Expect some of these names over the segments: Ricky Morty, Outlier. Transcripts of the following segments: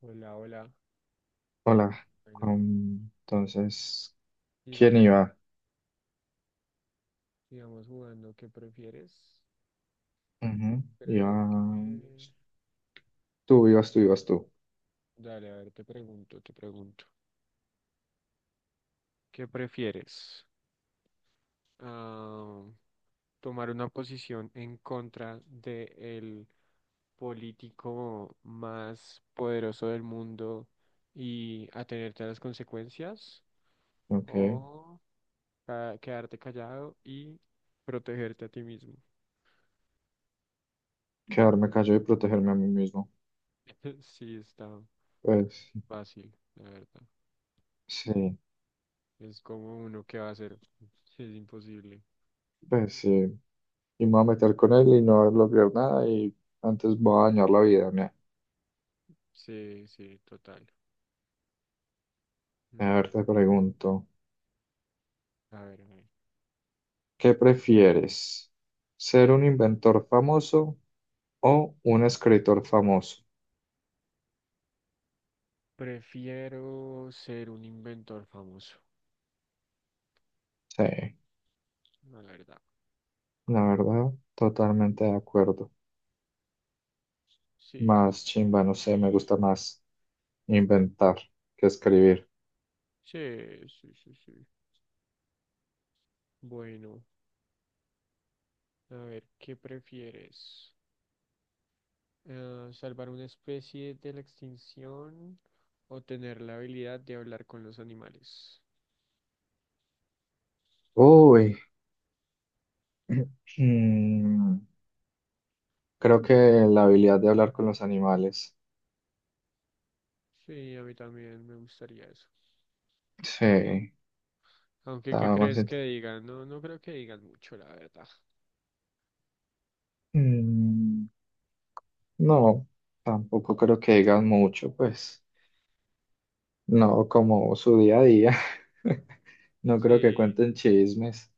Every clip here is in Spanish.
Hola, hola. Hola, Bueno, entonces, ¿quién sigamos, iba? sigamos jugando. ¿Qué prefieres? Ujú, Iba Creo que... tú, ibas tú, ibas tú. Dale, a ver, te pregunto, te pregunto. ¿Qué prefieres? Ah, ¿Tomar una posición en contra de el político más poderoso del mundo y atenerte a las consecuencias? OK, ¿O quedarte callado y protegerte a ti mismo? quedarme callado y protegerme a mí mismo. Sí, está Pues fácil, la verdad. sí, Es como uno que va a hacer. Es imposible. pues sí. Y me voy a meter con él y no voy a lograr nada y antes voy a dañar la vida. Mira. Sí, sí, total. A La ver, ver- te pregunto, a ver, a ver. ¿qué prefieres? ¿Ser un inventor famoso o un escritor famoso? Prefiero ser un inventor famoso, Sí, la verdad. la verdad, totalmente de acuerdo. Sí, Más chimba, no sé, me gusta más. Inventar, que escribir. sí, sí, sí, sí. Bueno, a ver, ¿qué prefieres? ¿Salvar una especie de la extinción o tener la habilidad de hablar con los animales? Uy, mm, creo que la habilidad de hablar con los animales. Sí, a mí también me gustaría eso. Sí, Aunque, ¿qué estaba más crees int- que digan? No, no creo que digan mucho, la verdad. Mm, no, tampoco creo que digan mucho, pues. No, como su día a día. No creo que Sí, cuenten chismes.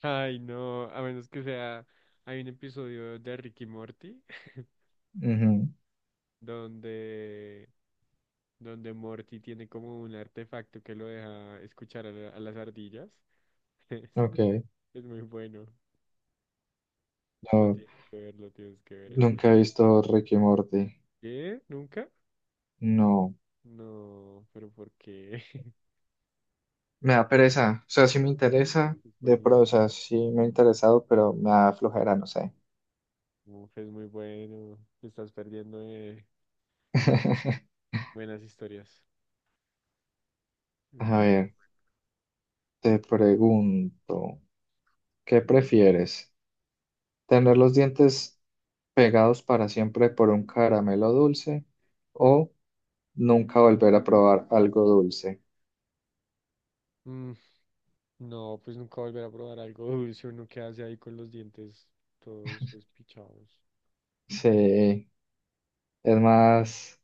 ay, no, a menos que sea, hay un episodio de Ricky Morty Ujú, donde, donde Morty tiene como un artefacto que lo deja escuchar a, a las ardillas. OK, Es es muy bueno, lo no, tienes que ver, lo tienes que ver, es muy nunca he visto Ricky Morty. ¿qué? ¿Nunca? No, No, pero ¿por qué? me da pereza. O sea, sí me interesa, Es o buenísimo, sea, sí me ha interesado, pero me da flojera, no sé. uf, es muy bueno, te estás perdiendo de buenas historias. Es A bueno. ver, te pregunto, ¿qué prefieres? ¿Tener los dientes pegados para siempre por un caramelo dulce o nunca volver a probar algo dulce? Mm. No, pues nunca volver a probar algo dulce, uno que hace ahí con los dientes todos despichados. Sí, es más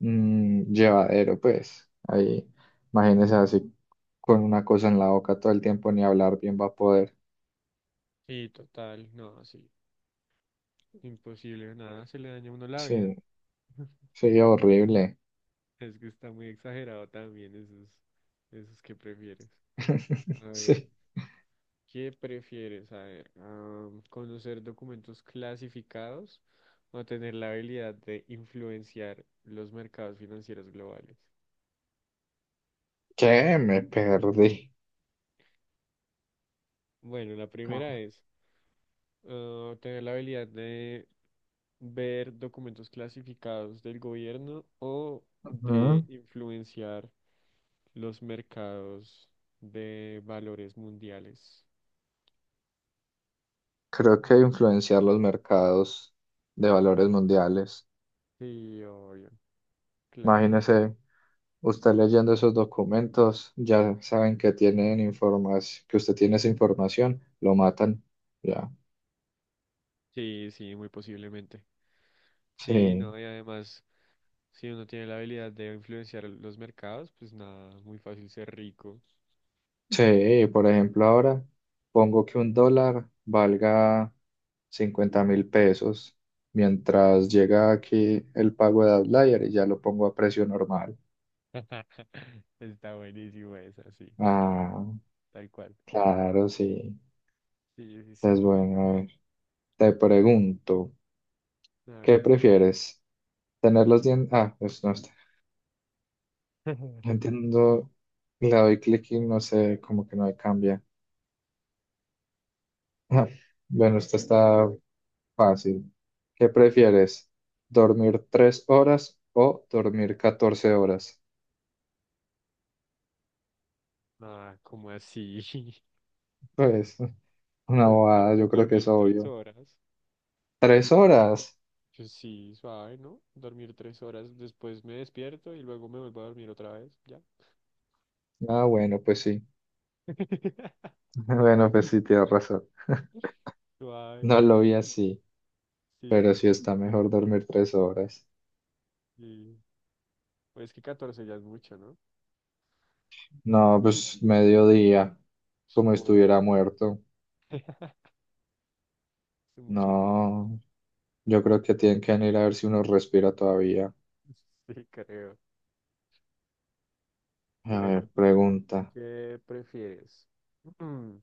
llevadero, pues. Ahí, imagínese así con una cosa en la boca todo el tiempo, ni hablar bien va a poder. Sí, total, no, sí, imposible, nada, se le daña a uno la vida. Sí, sí, horrible. Es que está muy exagerado también esos, esos que prefieres. A ver, Sí. ¿qué prefieres? A ver, ah, ¿conocer documentos clasificados o tener la habilidad de influenciar los mercados financieros globales? ¿Qué? Me perdí. Bueno, la primera es ah, tener la habilidad de ver documentos clasificados del gobierno o Ajá. de influenciar los mercados de valores mundiales. Creo que influenciar los mercados de valores Mm. mundiales. Sí, obvio, claro. Imagínese usted leyendo esos documentos, ya saben que tienen información, que usted tiene esa información, lo matan. Ya. Sí, sí, muy posiblemente. Sí, Sí. no, y además, si uno tiene la habilidad de influenciar los mercados, pues nada, muy fácil ser rico. Sí, por ejemplo, ahora pongo que un dólar valga 50.000 pesos mientras llega aquí el pago de Outlier y ya lo pongo a precio normal. Está buenísimo esa, sí, Ah, tal cual. claro, sí. Sí, sí, Es sí. bueno. A ver, te pregunto. A ver. ¿Qué prefieres? ¿Tener los dientes? Ah, pues no está. No entiendo. Le doy clic y no sé, como que no me cambia. Bueno, esto está fácil. ¿Qué prefieres? ¿Dormir 3 horas o dormir 14 horas? Nada, como así? Pues una Pero no, bobada, yo pues creo que es dormir tres obvio. horas. ¿Tres horas? Yo sí, suave, ¿no? Dormir tres horas, después me despierto y luego me vuelvo a dormir otra vez, ya. Ah, bueno, pues sí. Bueno, pues sí, tienes razón. Suave, No lo vi así, pero sí, sí está mejor dormir 3 horas. sí. Pues es que 14 ya es mucho, ¿no? No, pues mediodía, como Por estuviera eso, muerto. es mucho tiempo. No, yo creo que tienen que venir a ver si uno respira todavía. Sí, creo. A Bueno, ver, pregunta. ¿qué prefieres? Mm,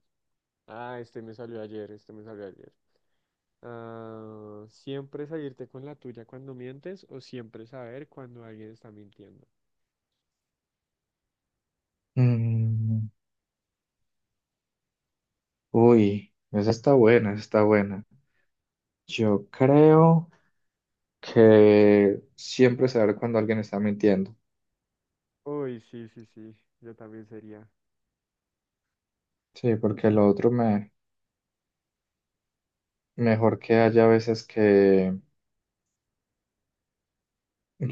ah, este me salió ayer, este me salió ayer. Ah, ¿siempre salirte con la tuya cuando mientes o siempre saber cuando alguien está mintiendo? Mm, uy, esa está buena, esa está buena. Yo creo que siempre saber cuando alguien está mintiendo. Uy, sí, sí, sí, yo también sería. Sí, porque lo otro me mejor que haya veces que,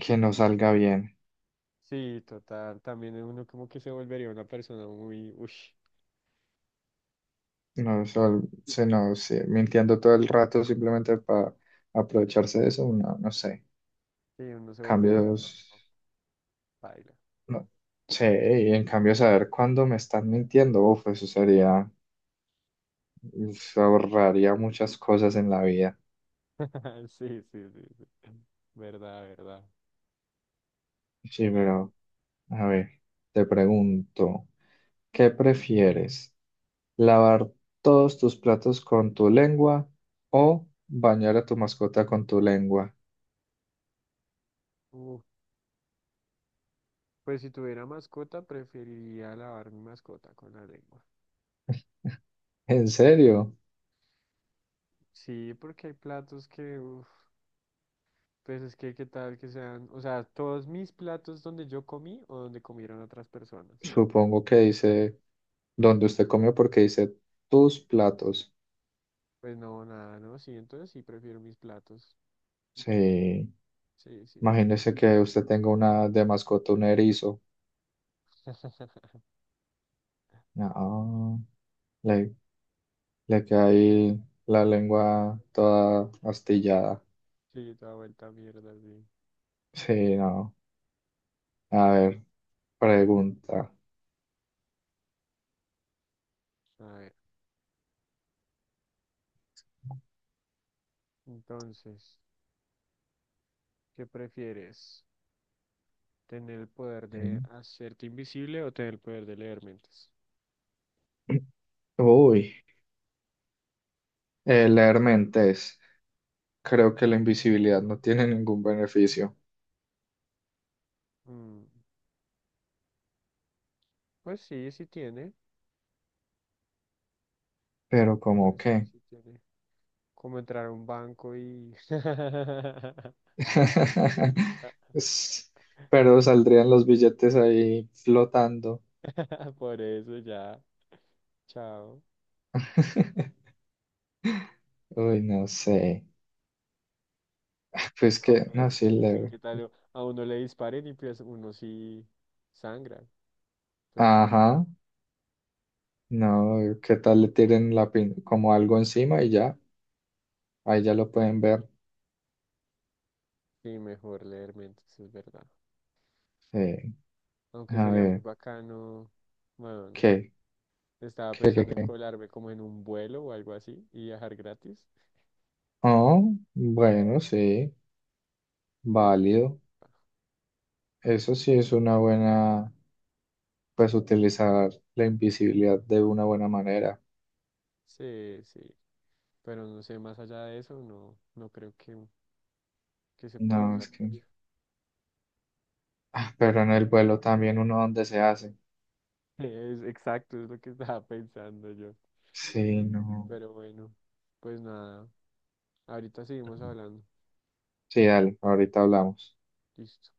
que no salga bien. Sí, total, también uno como que se volvería una persona muy, ush, No, sol- se no, sí, mintiendo todo el rato simplemente para aprovecharse de eso, no, no sé. sí, uno se volvería todo, Cambios. paila. No sé, y en cambio saber cuándo me están mintiendo, uf, eso sería, se ahorraría muchas cosas en la vida. Sí, sí, sí, sí, verdad, verdad, Sí, dale. pero, a ver, te pregunto, ¿qué prefieres? ¿Lavar todos tus platos con tu lengua o bañar a tu mascota con tu lengua? Uh, pues si tuviera mascota, preferiría lavar mi mascota con la lengua. ¿En serio? Sí, porque hay platos que, uf, pues es que qué tal que sean, o sea, todos mis platos donde yo comí o donde comieron otras personas. Supongo que dice donde usted comió porque dice tus platos. Pues no, nada, ¿no? Sí, entonces sí prefiero mis platos. Sí, Sí, sí. imagínese que usted tenga una de mascota, un erizo. No. Le, le queda ahí la lengua toda astillada. Sí, da vuelta a mierda, sí. Sí, no. A ver, pregunta. A ver, entonces, ¿qué prefieres? ¿Tener el poder de Mm. hacerte invisible o tener el poder de leer mentes? Uy, leer mentes. Creo que la invisibilidad no tiene ningún beneficio. Mm, pues sí, sí tiene. Pero ¿cómo Parece que qué? sí tiene. Como entrar a un banco y... Es- Pero saldrían los billetes ahí flotando. Por eso ya. Chao. Uy, no sé. Pues No, que, pero no, sí, mentira, sí, leer. ¿qué tal? A uno le disparen y pues uno sí sangra. Pues sí, Ajá. No, ¿qué tal le tiren la pin como algo encima y ya? Ahí ya lo pueden ver. sí, mejor leer mentes, es verdad. Eh, Aunque a sería muy ver, bacano. Bueno, no. ¿qué? Estaba ¿Qué, qué, pensando en qué? colarme como en un vuelo o algo así y viajar gratis. Oh, bueno, sí, Eso sí. válido. Eso sí es una buena, pues utilizar la invisibilidad de una buena manera. Sí, sí, pero no sé, más allá de eso, no, no creo que se No, pueda usar es que... mucho. Ah, pero en el vuelo también uno donde se hace. Es exacto, es lo que estaba pensando yo. Sí, no. Pero bueno, pues nada, ahorita seguimos hablando. Sí, dale, ahorita hablamos. Listo.